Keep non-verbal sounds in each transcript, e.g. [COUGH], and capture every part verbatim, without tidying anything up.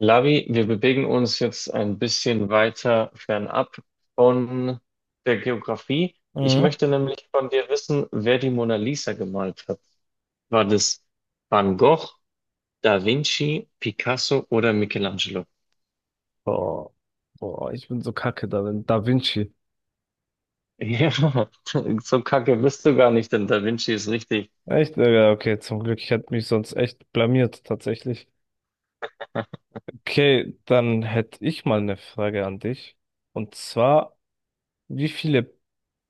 Lavi, wir bewegen uns jetzt ein bisschen weiter fernab von der Geografie. Ich Mhm. möchte nämlich von dir wissen, wer die Mona Lisa gemalt hat. War das Van Gogh, Da Vinci, Picasso oder Michelangelo? Boah, boah, ich bin so kacke darin. Da Vinci. Ja, [LAUGHS] so kacke bist du gar nicht, denn Da Vinci ist richtig. Echt? Äh, Ja, okay, zum Glück. Ich hätte mich sonst echt blamiert, tatsächlich. [LAUGHS] Okay, dann hätte ich mal eine Frage an dich. Und zwar, wie viele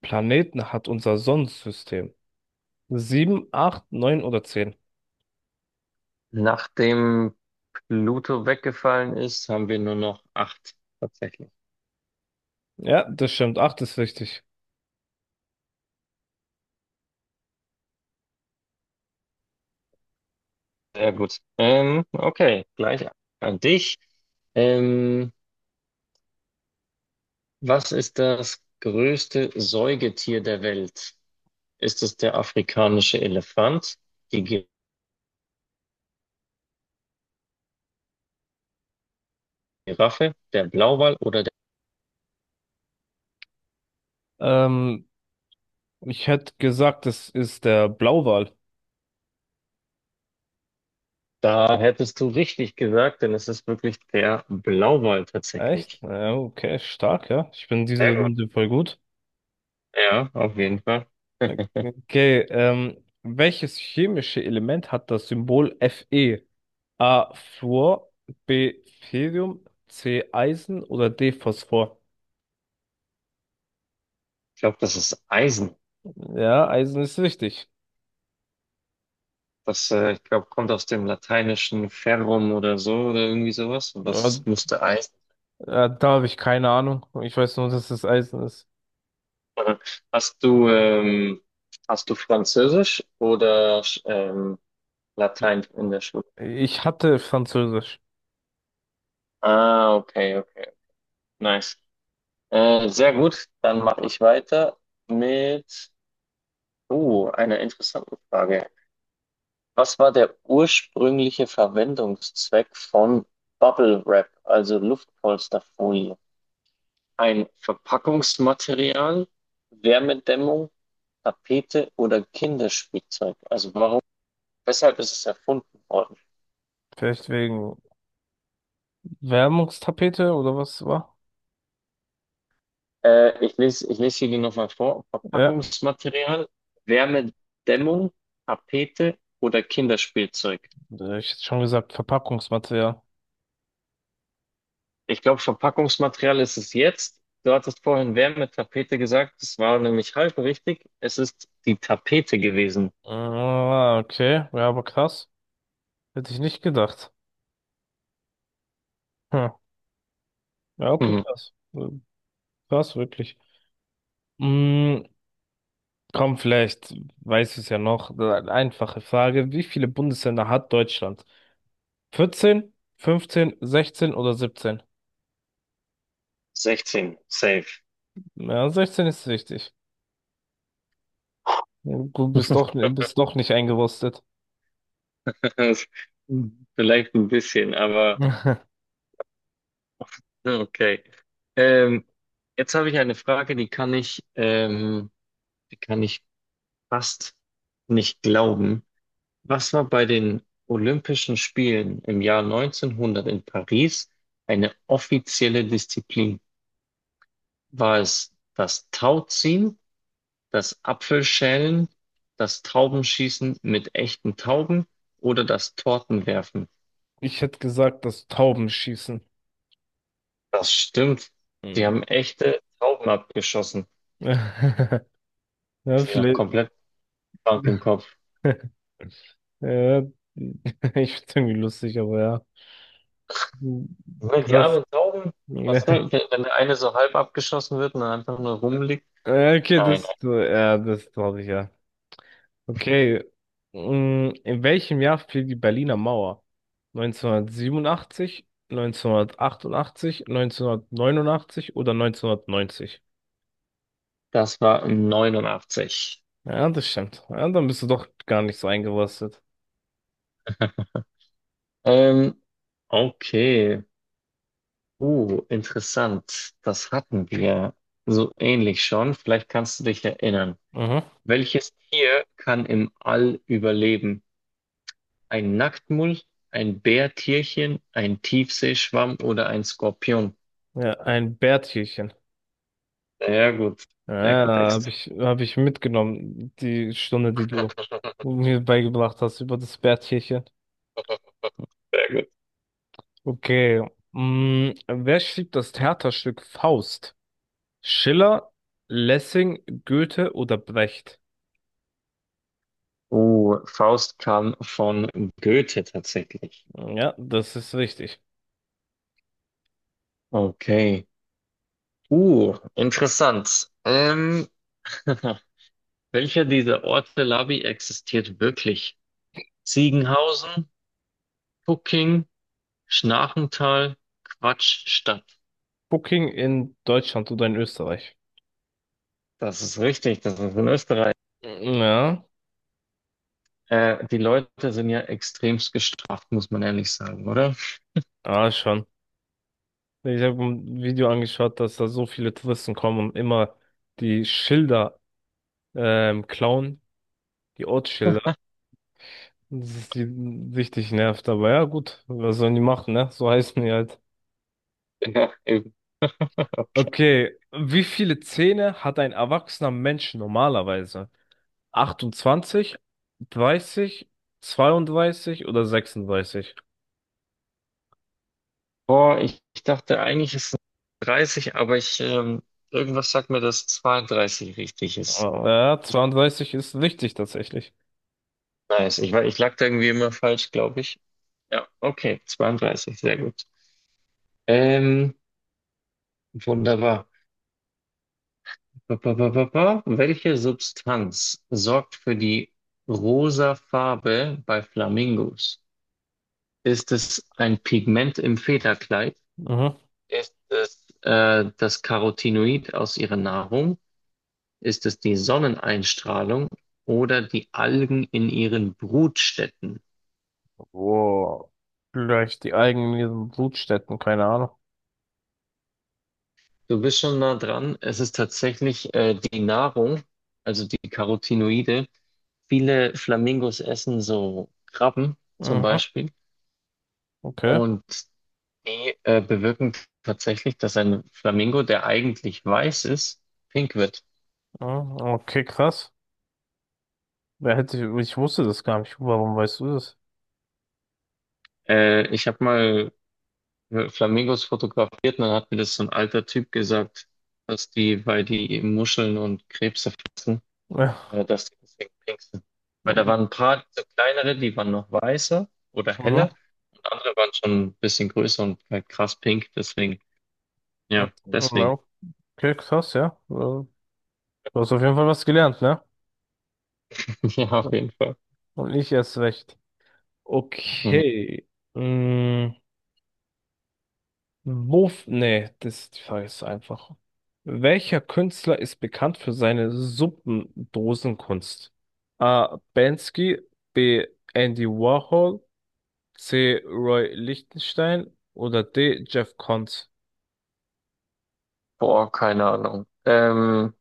Planeten hat unser Sonnensystem? Sieben, acht, neun oder zehn? Nachdem Pluto weggefallen ist, haben wir nur noch acht tatsächlich. Ja, das stimmt. Acht ist richtig. Sehr gut. Ähm, okay, gleich an dich. Ähm, Was ist das größte Säugetier der Welt? Ist es der afrikanische Elefant, die Giraffe, der Blauwal oder der... Ähm, Ich hätte gesagt, das ist der Blauwal. Da hättest du richtig gesagt, denn es ist wirklich der Blauwal Echt? tatsächlich. Ja, okay, stark, ja. Ich bin diese Sehr gut. Runde voll gut. Ja, auf jeden Fall. [LAUGHS] Okay, ähm, welches chemische Element hat das Symbol Fe? A. Fluor, B. Ferium, C. Eisen oder D. Phosphor? Ich glaube, das ist Eisen. Ja, Eisen ist richtig. Das, äh, ich glaube, kommt aus dem lateinischen Ferrum oder so oder irgendwie sowas. Und Ja, das müsste Eisen äh, da habe ich keine Ahnung. Ich weiß nur, dass es Eisen ist. sein. Hast du, ähm, hast du Französisch oder ähm, Latein in der Schule? Ich hatte Französisch. Ah, okay, okay. Nice. Äh, sehr gut. Dann mache ich weiter mit uh, einer interessanten Frage. Was war der ursprüngliche Verwendungszweck von Bubble Wrap, also Luftpolsterfolie? Ein Verpackungsmaterial, Wärmedämmung, Tapete oder Kinderspielzeug? Also warum, weshalb ist es erfunden worden? Vielleicht wegen Wärmungstapete oder was war? Äh, ich lese, ich lese hier die nochmal vor. Ja, Verpackungsmaterial, Wärmedämmung, Tapete oder Kinderspielzeug. äh, ich hätte schon gesagt Verpackungsmaterial. Ich glaube, Verpackungsmaterial ist es jetzt. Du hattest vorhin Wärmetapete gesagt. Das war nämlich halb richtig. Es ist die Tapete gewesen. Ah, okay, ja, aber krass. Hätte ich nicht gedacht. Hm. Ja, okay, Mhm. krass. Äh, Krass, wirklich. Mm, Komm, vielleicht weißt du es ja noch. Eine Einfache Frage. Wie viele Bundesländer hat Deutschland? Vierzehn, fünfzehn, sechzehn oder siebzehn? sechzehn, safe. Ja, sechzehn ist richtig. Du bist doch, bist doch nicht eingerostet. [LAUGHS] Vielleicht ein bisschen, aber [LAUGHS] okay. Ähm, Jetzt habe ich eine Frage, die kann ich, ähm, die kann ich fast nicht glauben. Was war bei den Olympischen Spielen im Jahr neunzehnhundert in Paris eine offizielle Disziplin? War es das Tauziehen, das Apfelschälen, das Taubenschießen mit echten Tauben oder das Tortenwerfen? Ich hätte gesagt, das Tauben schießen. Das stimmt. Sie Mhm. haben echte Tauben abgeschossen. [LAUGHS] Die Ja, sind noch vielleicht. komplett krank im Kopf. [LAUGHS] Ja, [LAUGHS] ich find's irgendwie lustig, aber ja. Moment, die Krass. armen Tauben, [LAUGHS] was Ja. soll, wenn, wenn der eine so halb abgeschossen wird und dann einfach nur rumliegt? Ja, Okay, Nein, das, ja, das traurig, ja. Okay. Mm, In welchem Jahr fiel die Berliner Mauer? Neunzehnhundertsiebenundachtzig, neunzehnhundertachtundachtzig, neunzehnhundertneunundachtzig oder neunzehnhundertneunzig? das war neunundachtzig. Ja, das stimmt. Ja, dann bist du doch gar nicht so eingerostet. Ähm, okay. Uh, interessant. Das hatten wir so ähnlich schon. Vielleicht kannst du dich erinnern. Mhm. Welches Tier kann im All überleben? Ein Nacktmull, ein Bärtierchen, ein Tiefseeschwamm oder ein Skorpion? Ja, ein Bärtierchen. Sehr gut. Sehr Ja, gut, habe Dexter. ich, hab ich mitgenommen, die Stunde, die du mir beigebracht hast über das Bärtierchen. [LAUGHS] Sehr gut. Okay. Mm, wer schrieb das Theaterstück Faust? Schiller, Lessing, Goethe oder Brecht? Uh, Faust kam von Goethe tatsächlich. Ja, das ist richtig. Okay. Uh, interessant. Ähm, [LAUGHS] Welcher dieser Orte Labi existiert wirklich? Ziegenhausen, Pucking, Schnarchental, Quatschstadt. Booking in Deutschland oder in Österreich? Das ist richtig, das ist in Österreich. Ja, Äh, die Leute sind ja extremst gestraft, muss man ehrlich sagen, oder? [LAUGHS] ah, schon. Ich habe ein Video angeschaut, dass da so viele Touristen kommen und immer die Schilder ähm, klauen, die Ortsschilder. Das ist die richtig nervt, aber ja, gut, was sollen die machen, ne? So heißen die halt. Ja, eben. Okay, wie viele Zähne hat ein erwachsener Mensch normalerweise? achtundzwanzig, dreißig, zweiunddreißig oder sechsunddreißig? Boah, ich, ich dachte eigentlich ist es dreißig, aber ich, ähm, irgendwas sagt mir, dass zweiunddreißig richtig ist. Oh, Ja, zweiunddreißig ist richtig tatsächlich. Nice. Ich, war- ich lag da irgendwie immer falsch, glaube ich. Ja, okay, zweiunddreißig, sehr gut. Ähm, wunderbar. Pa- pa- pa- pa- pa. Welche Substanz sorgt für die rosa Farbe bei Flamingos? Ist es ein Pigment im Federkleid? Mhm. Ist es äh, das Carotinoid aus ihrer Nahrung? Ist es die Sonneneinstrahlung oder die Algen in ihren Brutstätten? wow. Vielleicht die eigenen Brutstätten, keine Ahnung. Du bist schon nah dran. Es ist tatsächlich äh, die Nahrung, also die Carotinoide. Viele Flamingos essen so Krabben zum Mhm. Beispiel. Okay. Und die äh, bewirken tatsächlich, dass ein Flamingo, der eigentlich weiß ist, pink wird. Mhm, Okay, krass. Wer hätte, ich wusste das gar nicht. Warum weißt du das? Äh, ich habe mal äh, Flamingos fotografiert und dann hat mir das so ein alter Typ gesagt, dass die, weil die Muscheln und Krebse fressen, Ja. äh, dass die deswegen pink sind. Weil da waren ein paar so kleinere, die waren noch weißer oder heller Mhm. und andere waren schon ein bisschen größer und halt krass pink. Deswegen, Ja, ja, deswegen. okay, krass, ja. Äh, Du hast auf jeden Fall was gelernt, ne? [LAUGHS] Ja, auf jeden Fall. Und ich erst recht. Mhm. Okay. Mm. Wo, f- nee, das, die Frage ist einfach. Welcher Künstler ist bekannt für seine Suppendosenkunst? A. Banksy, B. Andy Warhol, C. Roy Lichtenstein oder D. Jeff Koons? Boah, keine Ahnung. Ähm,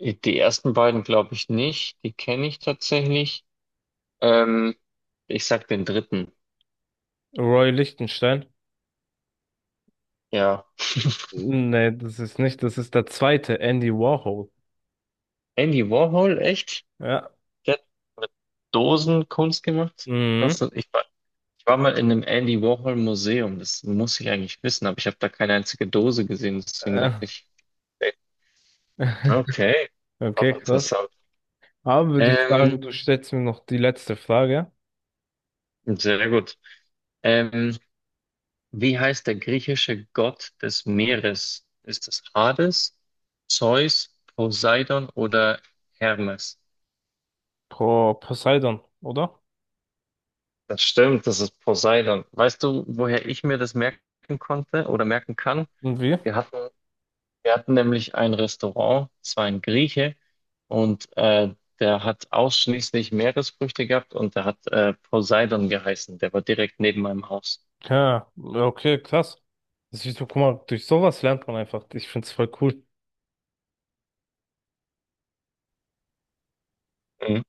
Die ersten beiden glaube ich nicht. Die kenne ich tatsächlich. Ähm, ich sag den dritten. Roy Lichtenstein? Ja. Nee, das ist nicht, das ist der zweite, Andy Warhol. Andy Warhol, echt? Ja. Der hat mit Dosen Kunst gemacht? Mhm. Krass. Ich war, ich war mal in einem Andy Warhol Museum. Das muss ich eigentlich wissen, aber ich habe da keine einzige Dose gesehen. Deswegen Äh, dachte ich, okay, auch Okay, krass. interessant. Aber würde ich Ähm, sagen, du stellst mir noch die letzte Frage. sehr gut. Ähm, wie heißt der griechische Gott des Meeres? Ist es Hades, Zeus, Poseidon oder Hermes? Pro Poseidon, oder? Das stimmt, das ist Poseidon. Weißt du, woher ich mir das merken konnte oder merken kann? Und wie? Wir hatten, wir hatten nämlich ein Restaurant, es war ein Grieche und äh, der hat ausschließlich Meeresfrüchte gehabt und der hat äh, Poseidon geheißen. Der war direkt neben meinem Haus. Ja, okay, krass. Das ist, guck mal, durch sowas lernt man einfach. Ich find's voll cool. Mhm.